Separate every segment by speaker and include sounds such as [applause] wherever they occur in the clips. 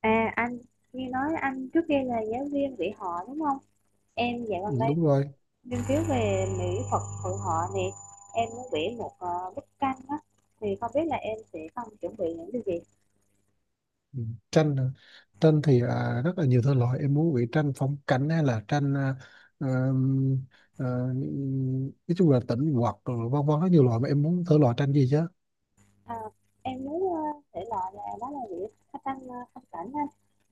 Speaker 1: À anh nghe nói anh trước kia là giáo viên dạy họ đúng không? Em dạo
Speaker 2: Ừ,
Speaker 1: gần đây
Speaker 2: đúng rồi.
Speaker 1: nghiên cứu về mỹ thuật hội họ nè. Em muốn vẽ một bức tranh á thì không biết là em sẽ cần chuẩn bị những điều gì?
Speaker 2: Ừ, Tranh à. Tranh thì rất là nhiều thể loại. Em muốn vẽ tranh phong cảnh hay là tranh ờm, ờ, nói chung là tĩnh hoặc rồi vân vân, rất nhiều loại, mà em muốn thể loại tranh gì chứ?
Speaker 1: À, em muốn thể loại là đó là vẽ phát tranh phong cảnh á.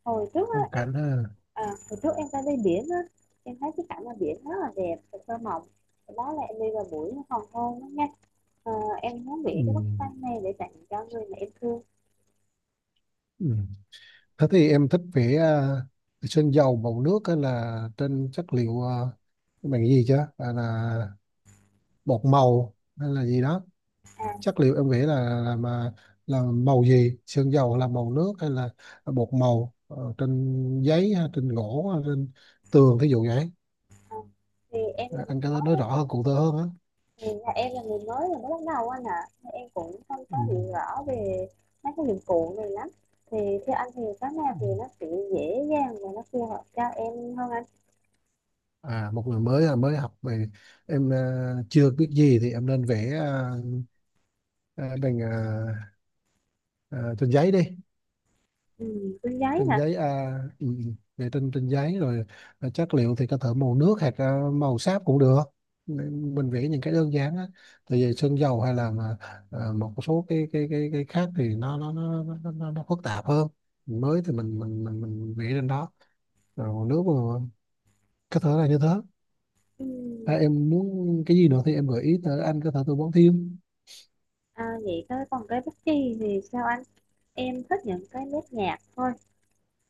Speaker 1: Hồi trước
Speaker 2: Phong
Speaker 1: á em
Speaker 2: cảnh ha.
Speaker 1: hồi trước em ra đi biển á, em thấy cái cảnh ở biển rất là đẹp và thơ mộng. Đó là em đi vào buổi hoàng hôn đó nha. Ờ, em muốn
Speaker 2: Ừ.
Speaker 1: vẽ cái bức tranh này để tặng cho người mà em thương.
Speaker 2: Ừ. Thế thì em thích vẽ sơn dầu, màu nước, hay là trên chất liệu bằng cái gì chứ, là bột màu hay là gì đó?
Speaker 1: À,
Speaker 2: Chất liệu em nghĩ là mà là màu gì, sơn dầu là màu nước hay là bột màu, trên giấy hay trên gỗ hay trên tường, thí dụ vậy.
Speaker 1: Ờ, thì em là
Speaker 2: Ờ, anh
Speaker 1: người
Speaker 2: có nói
Speaker 1: mới,
Speaker 2: rõ hơn, cụ thể hơn á.
Speaker 1: thì là em là người mới, là mới bắt đầu anh ạ. Thì em cũng không
Speaker 2: ừ.
Speaker 1: có hiểu rõ về mấy cái dụng cụ này lắm, thì theo anh thì cái nào
Speaker 2: ừ.
Speaker 1: thì nó sẽ dễ dàng và nó phù hợp cho em hơn anh?
Speaker 2: Một người mới, mới học về, em chưa biết gì thì em nên vẽ ờ, bằng ờ, ờ, trên giấy đi.
Speaker 1: Ừ, túi giấy
Speaker 2: Trên
Speaker 1: hả?
Speaker 2: giấy, vệ tinh trên giấy rồi. Chất liệu thì có thể màu nước hoặc màu sáp cũng được. Nên mình vẽ những cái đơn giản á, tại vì sơn dầu hay là một số cái khác thì nó phức tạp hơn. Mới thì mình vẽ lên đó rồi còn nước mà, có thể là như thế.
Speaker 1: Ừ,
Speaker 2: À, em muốn cái gì nữa thì em gợi ý tới, anh có thể tư vấn thêm.
Speaker 1: vậy thôi còn cái bút chì thì sao anh? Em thích những cái nét nhạt thôi,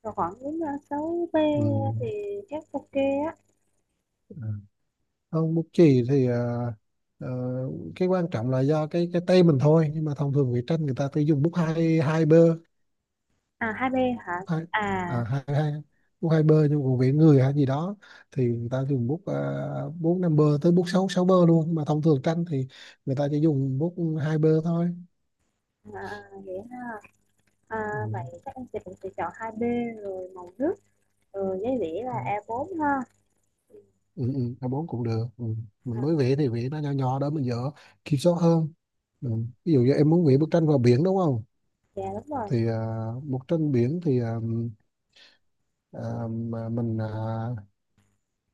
Speaker 1: rồi khoảng đến 6B
Speaker 2: Ừ.
Speaker 1: thì chắc ok á.
Speaker 2: à, Không, bút chì thì ờ, cái quan trọng là do cái tay mình thôi, nhưng mà thông thường vẽ tranh người ta cứ dùng bút hai hai bơ.
Speaker 1: 2B hả?
Speaker 2: Bút hai,
Speaker 1: à,
Speaker 2: à, hai hai bút 2B. Nhưng còn vẽ người hay gì đó thì người ta dùng bút 4, 5B tới bút sáu sáu bơ luôn, nhưng mà thông thường tranh thì người ta chỉ dùng bút 2B thôi.
Speaker 1: vậy ha. à,
Speaker 2: Ừ.
Speaker 1: Vậy chắc em sẽ cũng sẽ chọn 2B, rồi màu nước. Ừ, giấy đĩa
Speaker 2: Ừ.
Speaker 1: là A4 ha.
Speaker 2: Ừ, A4 cũng được. Ừ. Mình
Speaker 1: À,
Speaker 2: mới vẽ thì vẽ nó nhỏ nhỏ đó, mình dở kiểm soát hơn. Ừ. Ví dụ như em muốn vẽ bức tranh vào biển đúng không,
Speaker 1: dạ đúng rồi.
Speaker 2: thì bức tranh biển thì à, mà mình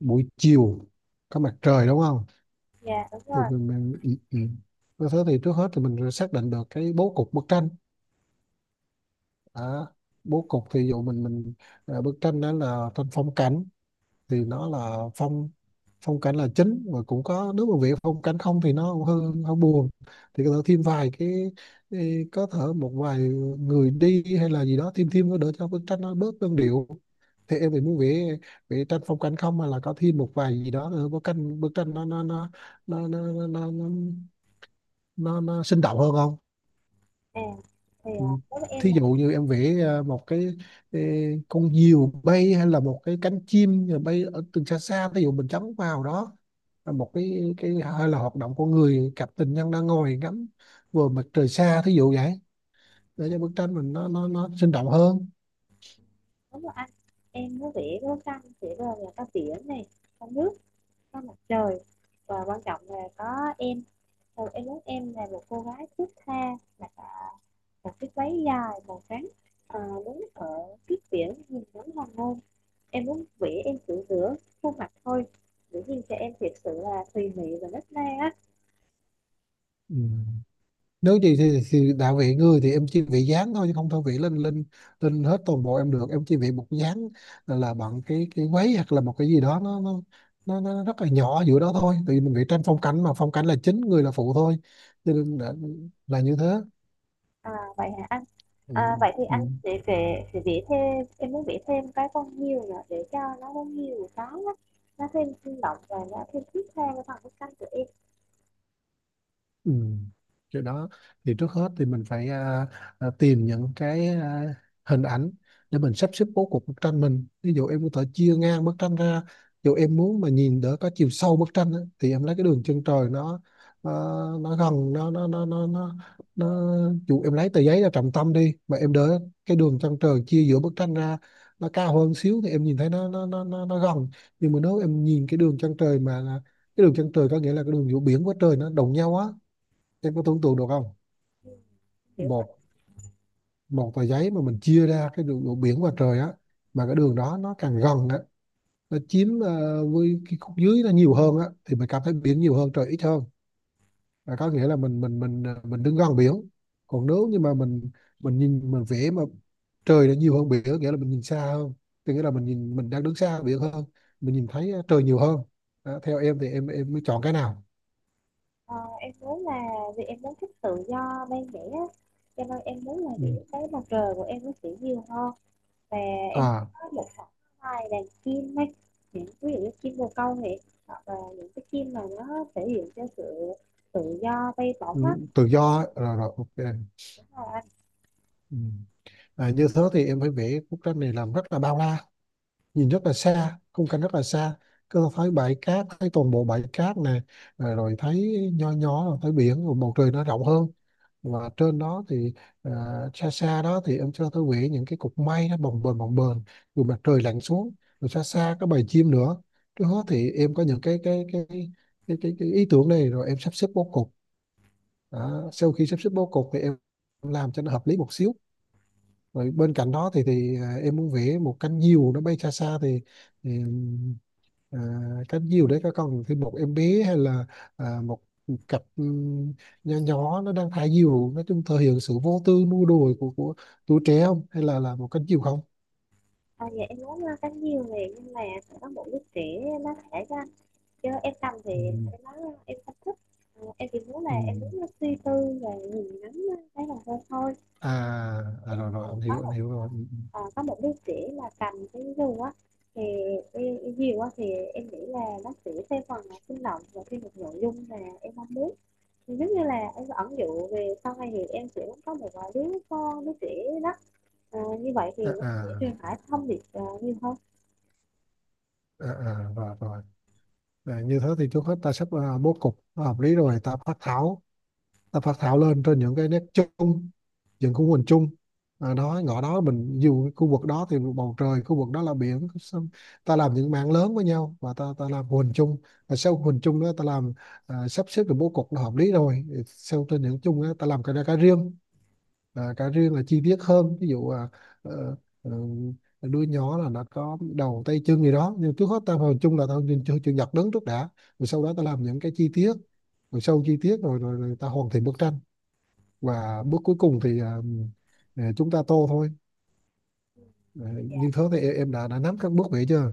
Speaker 2: buổi chiều có mặt trời đúng không,
Speaker 1: Dạ đúng
Speaker 2: thì
Speaker 1: rồi.
Speaker 2: mình ừ, ừ. như thế thì trước hết thì mình xác định được cái bố cục bức tranh. à, Bố cục thì dụ mình à, bức tranh đó là tranh phong cảnh, thì nó là phong phong cảnh là chính, và cũng có, nếu mà việc phong cảnh không thì nó cũng hơi hơi buồn, thì có thể thêm vài cái có thể một vài người đi hay là gì đó, thêm thêm nó đỡ cho bức tranh nó bớt đơn điệu. Thì em thì muốn vẽ vẽ tranh phong cảnh không, mà là có thêm một vài gì đó nữa, bức tranh nó nó nó nó, nó, nó sinh động hơn không?
Speaker 1: À, thì
Speaker 2: Ừ.
Speaker 1: đối với em
Speaker 2: Thí
Speaker 1: là
Speaker 2: dụ như em vẽ một cái, ê, con diều bay hay là một cái cánh chim rồi bay ở từ xa xa, thí dụ mình chấm vào đó là một cái hay là hoạt động của người, cặp tình nhân đang ngồi ngắm vừa mặt trời xa, thí dụ vậy, để cho bức tranh mình nó sinh động hơn.
Speaker 1: đúng rồi anh. Em có vẽ có căng thì bây là có biển này, có nước, có mặt trời, và quan trọng là có em. Rồi em muốn em là một cô gái thướt tha, mặc một chiếc váy dài màu trắng, à, đứng ở trước biển nhìn ngắm hoàng hôn. Em muốn vẽ em tự rửa khuôn mặt thôi. Dĩ nhiên cho em thiệt sự là tùy mị và nết na á.
Speaker 2: Ừ. Nếu gì thì đạo vị người thì em chỉ vị dáng thôi chứ không thôi vị lên lên lên hết toàn bộ em được, em chỉ vị một dáng, là bằng cái váy hoặc là một cái gì đó, nó rất là nhỏ giữa đó thôi, tại vì mình vị tranh phong cảnh, mà phong cảnh là chính, người là phụ thôi, cho nên là như thế.
Speaker 1: À vậy hả anh?
Speaker 2: Ừ.
Speaker 1: À, vậy thì
Speaker 2: Ừ.
Speaker 1: anh sẽ vẽ thêm em muốn vẽ thêm cái con hươu nữa để cho nó có nhiều cái á, nó thêm sinh động và nó thêm thiết tha với phần bức tranh của em.
Speaker 2: Ừ. Cái đó thì trước hết thì mình phải tìm những cái hình ảnh để mình sắp xếp bố cục bức tranh mình. Ví dụ em có thể chia ngang bức tranh ra, ví dụ em muốn mà nhìn đỡ có chiều sâu bức tranh á, thì em lấy cái đường chân trời, nó nó gần nó dù em lấy tờ giấy ra trọng tâm đi mà em đỡ, cái đường chân trời chia giữa bức tranh ra, nó cao hơn xíu thì em nhìn thấy nó gần. Nhưng mà nếu em nhìn cái đường chân trời mà cái đường chân trời có nghĩa là cái đường giữa biển với trời nó đồng nhau á. Em có tưởng tượng được không?
Speaker 1: Kiểu là
Speaker 2: Một Một tờ giấy mà mình chia ra cái đường, đường biển và trời á, mà cái đường đó nó càng gần á, nó chiếm với cái khúc dưới nó nhiều hơn á thì mình cảm thấy biển nhiều hơn, trời ít hơn, là có nghĩa là mình đứng gần biển. Còn nếu như mà mình vẽ mà trời nó nhiều hơn biển, nghĩa là mình nhìn xa hơn, thì nghĩa là mình nhìn, mình đang đứng xa biển hơn, mình nhìn thấy trời nhiều hơn. Đó, theo em thì em mới chọn cái nào?
Speaker 1: ờ, em muốn là vì em muốn thích tự do bên vẽ á, cho nên em muốn là
Speaker 2: Ừ.
Speaker 1: vẽ cái mặt trời của em nó sẽ nhiều hơn, và em
Speaker 2: à
Speaker 1: có một khoảng hai đàn chim ấy, những ví dụ như chim bồ câu này, hoặc là những cái chim mà nó thể hiện cho sự tự do bay bổng
Speaker 2: ừ, tự do á. Rồi rồi, ok.
Speaker 1: á.
Speaker 2: Ừ. Và như thế thì em phải vẽ bức tranh này làm rất là bao la, nhìn rất là xa, khung cảnh rất là xa, cứ thấy bãi cát, thấy toàn bộ bãi cát này, rồi thấy nho nhỏ, rồi thấy biển, rồi bầu trời nó rộng hơn, và trên đó thì à, xa xa đó thì em cho tôi vẽ những cái cục mây nó bồng bềnh bồng bềnh, rồi mặt trời lặn xuống, rồi xa xa có bầy chim nữa. Trước hết thì em có những cái ý tưởng này, rồi em sắp xếp bố cục. Đó, sau khi sắp xếp bố cục thì em làm cho nó hợp lý một xíu, rồi bên cạnh đó thì em muốn vẽ một cánh diều nó bay xa xa thì, thì à, cánh diều đấy có còn thêm một em bé hay là một cặp nho nhỏ nó đang thả diều, nói chung thể hiện sự vô tư nua đùa của tuổi trẻ không, hay là một cánh diều không?
Speaker 1: Dạ em muốn cánh diều này, nhưng mà phải có một đứa trẻ nó thể ra, chứ em cầm thì
Speaker 2: Ừ.
Speaker 1: em nói em không thích. Em chỉ muốn là
Speaker 2: Ừ.
Speaker 1: em muốn nó suy tư và nhìn ngắm cái là thôi thôi.
Speaker 2: À, à
Speaker 1: Nếu mà
Speaker 2: rồi rồi, anh
Speaker 1: có
Speaker 2: hiểu, anh
Speaker 1: một
Speaker 2: hiểu rồi. Ừ,
Speaker 1: ờ, có một đứa trẻ mà cầm cái dù á thì cái diều á, thì em nghĩ là nó sẽ theo phần là sinh động và thêm một nội dung mà em mong muốn. Thì giống như là em ẩn dụ về sau này thì em sẽ muốn có một đứa con, đứa trẻ đó. Như vậy
Speaker 2: ừ.
Speaker 1: thì nó
Speaker 2: à, à,
Speaker 1: sẽ truyền tải thông điệp nhiều hơn.
Speaker 2: à, à rồi rồi Như thế thì trước hết ta sắp bố cục nó hợp lý, rồi ta phát thảo lên trên những cái nét chung, những khu hình chung. Đó, ngõ đó mình dù cái khu vực đó thì bầu trời, khu vực đó là biển, xong ta làm những mảng lớn với nhau, và ta ta làm hình chung, và sau hình chung đó ta làm, sắp xếp được bố cục nó hợp lý, rồi sau trên những chung đó, ta làm cái ra cái riêng. Cá riêng là chi tiết hơn, ví dụ ờ, ờ, đuôi nhỏ là nó có đầu, tay, chân gì đó, nhưng trước hết ta vào chung là ta nhìn chữ chữ nhật đứng trước đã, rồi sau đó ta làm những cái chi tiết, rồi sâu chi tiết rồi rồi, rồi ta hoàn thiện bức tranh. Và bước cuối cùng thì chúng ta tô thôi. Ờ,
Speaker 1: Dạ.
Speaker 2: như thế thì em đã nắm các bước vậy chưa?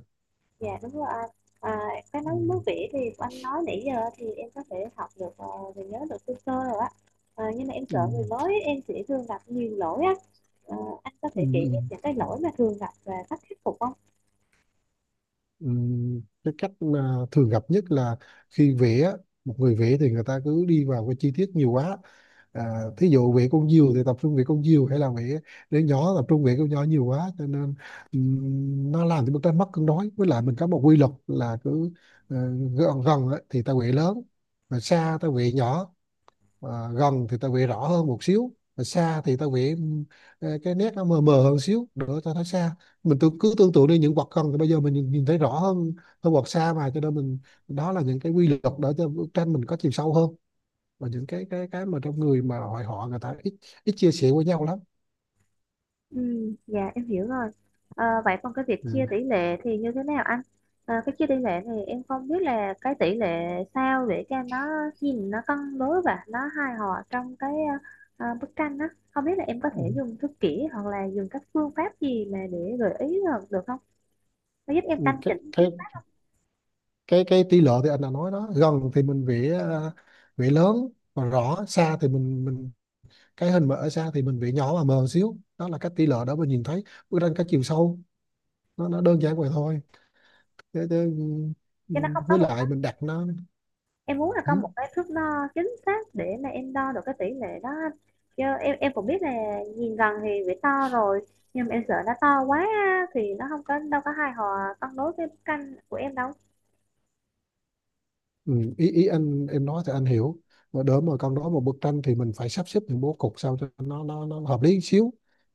Speaker 1: Dạ đúng rồi anh. À, cái
Speaker 2: ừ,
Speaker 1: nói nước vỉ thì anh nói nãy giờ thì em có thể học được và nhớ được sơ sơ rồi á. Nhưng mà em
Speaker 2: ừ,
Speaker 1: sợ người mới em sẽ thường gặp nhiều lỗi á. Ờ, anh có
Speaker 2: ừ,
Speaker 1: thể chỉ
Speaker 2: ừ,
Speaker 1: em những cái lỗi mà thường gặp và cách khắc phục không?
Speaker 2: ừ. Cái cách mà thường gặp nhất là khi vẽ, một người vẽ thì người ta cứ đi vào cái chi tiết nhiều quá. Thí dụ việc con diều thì tập trung việc con diều, hay là việc đứa nhỏ tập trung việc con nhỏ nhiều quá, cho nên nó làm cho bức tranh mất cân đối. Với lại mình có một quy luật là cứ ờ, gần gần á thì ta quệ lớn, mà xa ta quệ nhỏ. Ờ, gần thì ta quệ rõ hơn một xíu, mà xa thì ta quệ cái nét nó mờ mờ hơn xíu nữa ta thấy xa. Mình tự, cứ tưởng tượng đi, những vật gần thì bây giờ mình nhìn thấy rõ hơn hơn vật xa mà, cho nên mình, đó là những cái quy luật để cho bức tranh mình có chiều sâu hơn. Và những cái mà trong người mà hội họ, người ta ít ít chia sẻ với nhau lắm.
Speaker 1: Ừ, dạ em hiểu rồi. Vậy còn cái việc
Speaker 2: Ừ.
Speaker 1: chia tỷ lệ thì như thế nào anh? Cái chia tỷ lệ này em không biết là cái tỷ lệ sao để cho nó nhìn nó cân đối và nó hài hòa trong cái bức tranh á. Không biết là em có thể
Speaker 2: Ừ.
Speaker 1: dùng thước kỷ, hoặc là dùng các phương pháp gì mà để gợi ý được, được không? Nó giúp em
Speaker 2: Ừ,
Speaker 1: căn
Speaker 2: cái
Speaker 1: chỉnh chứ?
Speaker 2: cái cái tỷ lệ thì anh đã nói đó, gần thì mình vẽ vẽ lớn và rõ, xa thì mình cái hình mà ở xa thì mình vẽ nhỏ và mờ xíu, đó là cái tỷ lệ đó, mình nhìn thấy bức tranh cái chiều sâu, nó đơn giản vậy thôi. Thế, thế, ừ, ừ,
Speaker 1: Nó không có
Speaker 2: Với
Speaker 1: một.
Speaker 2: lại mình đặt nó.
Speaker 1: Em muốn là có
Speaker 2: Ừ.
Speaker 1: một cái thước đo chính xác để mà em đo được cái tỷ lệ đó anh. Chứ em cũng biết là nhìn gần thì bị to rồi, nhưng mà em sợ nó to quá á, thì nó không có đâu có hài hòa cân đối với canh của em đâu.
Speaker 2: Ừ, ý ý anh em nói thì anh hiểu, mà đỡ mà con nói một bức tranh thì mình phải sắp xếp những bố cục sao cho nó hợp lý xíu.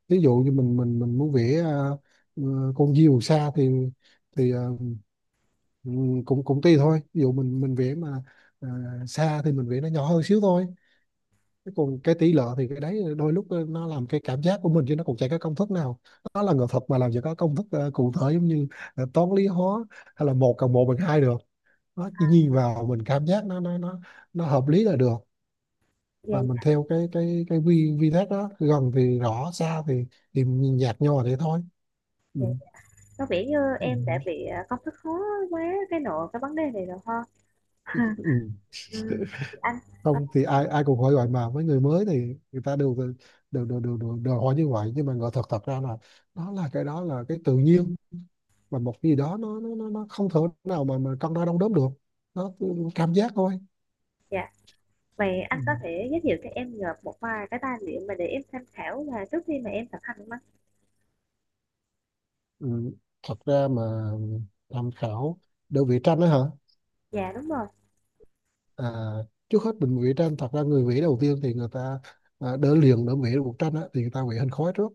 Speaker 2: Ví dụ như mình muốn vẽ con diều xa thì thì à, ừ, cũng cũng tùy thôi. Ví dụ mình vẽ mà à, xa thì mình vẽ nó nhỏ hơn xíu thôi. Thế còn cái tỷ lệ thì cái đấy đôi lúc nó làm cái cảm giác của mình chứ nó cũng chả có công thức nào. Nó là nghệ thuật mà làm gì có công thức cụ thể, giống như toán lý hóa, hay là một cộng một bằng hai được. Nó chỉ nhìn vào mình cảm giác nó nó hợp lý là được. Và
Speaker 1: vậy
Speaker 2: mình theo cái cái vi vi thác đó, gần thì rõ, xa thì nhìn nhạt nhòa thế thôi. Ừ.
Speaker 1: vậy có vẻ như em đã
Speaker 2: Ừ.
Speaker 1: bị công thức khó quá cái nội cái vấn đề này rồi ha. [laughs]
Speaker 2: Ừ.
Speaker 1: ừ, anh ờ,
Speaker 2: Không thì ai ai cũng hỏi gọi, mà với người mới thì người ta đều đều hỏi như vậy. Nhưng mà ngờ thật thật ra là đó là cái tự nhiên, và một cái gì đó nó không thể nào mà cân đo đong đếm được. Nó cảm giác thôi.
Speaker 1: dạ vậy
Speaker 2: Ừ.
Speaker 1: anh có thể giới thiệu cho em được một vài cái tài liệu mà để em tham khảo là trước khi mà em thực hành không anh?
Speaker 2: Ừ. Thật ra mà tham khảo đơn vị tranh đó hả?
Speaker 1: Dạ đúng rồi.
Speaker 2: À, trước hết mình vẽ tranh, thật ra người vẽ đầu tiên thì người ta đỡ liền đỡ vẽ được bức tranh á, thì người ta vẽ hình khói trước.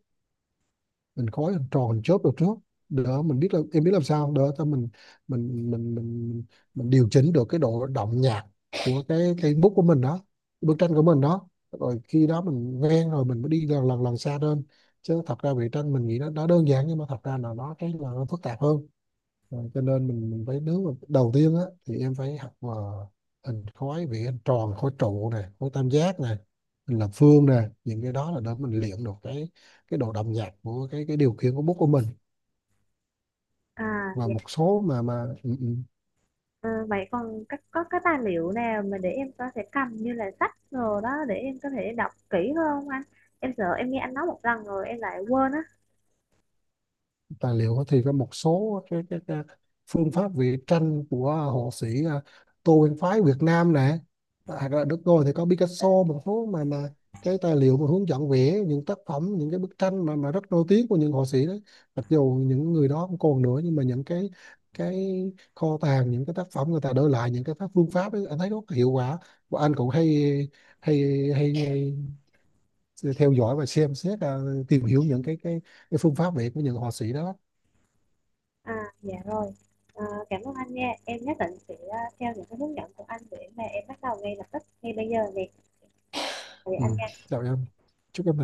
Speaker 2: Hình khói, hình tròn, hình chớp được trước, đỡ mình biết là em biết làm sao đỡ cho mình, mình mình mình mình điều chỉnh được cái độ đậm nhạt của cái bút của mình đó, bức tranh của mình đó. Rồi khi đó mình quen rồi mình mới đi lần lần lần xa lên. Chứ thật ra vẽ tranh mình nghĩ nó đơn giản, nhưng mà thật ra là nó cái là nó phức tạp hơn. Rồi, cho nên mình phải, nếu mà đầu tiên á thì em phải học mà hình khối: vì hình tròn, khối trụ này, khối tam giác này, hình lập phương này. Những cái đó là để mình luyện được cái độ đậm nhạt của cái điều khiển của bút của mình. Và
Speaker 1: Dạ.
Speaker 2: một số mà ừ.
Speaker 1: Ờ, Vậy còn có cái tài liệu nào mà để em có thể cầm như là sách rồi đó, để em có thể đọc kỹ hơn không anh? Em sợ em nghe anh nói một lần rồi em lại quên á.
Speaker 2: Tài liệu thì có một số cái phương pháp vẽ tranh của họa sĩ Tô Nguyên Phái Việt Nam nè, à, là được rồi. Thì có Picasso, một số mà cái tài liệu mà hướng dẫn vẽ những tác phẩm, những cái bức tranh mà rất nổi tiếng của những họa sĩ đấy. Mặc dù những người đó không còn nữa, nhưng mà những cái kho tàng, những cái tác phẩm người ta để lại, những cái phương pháp ấy, anh thấy rất hiệu quả. Và anh cũng hay hay theo dõi và xem xét, tìm hiểu những cái phương pháp vẽ của những họa sĩ đó.
Speaker 1: À dạ rồi. Ờ, Cảm ơn anh nha. Em nhất định sẽ theo những cái hướng dẫn của anh để mà em bắt đầu ngay lập tức ngay bây giờ nè. Thì
Speaker 2: Ừ,
Speaker 1: anh
Speaker 2: chào em. Chúc em thành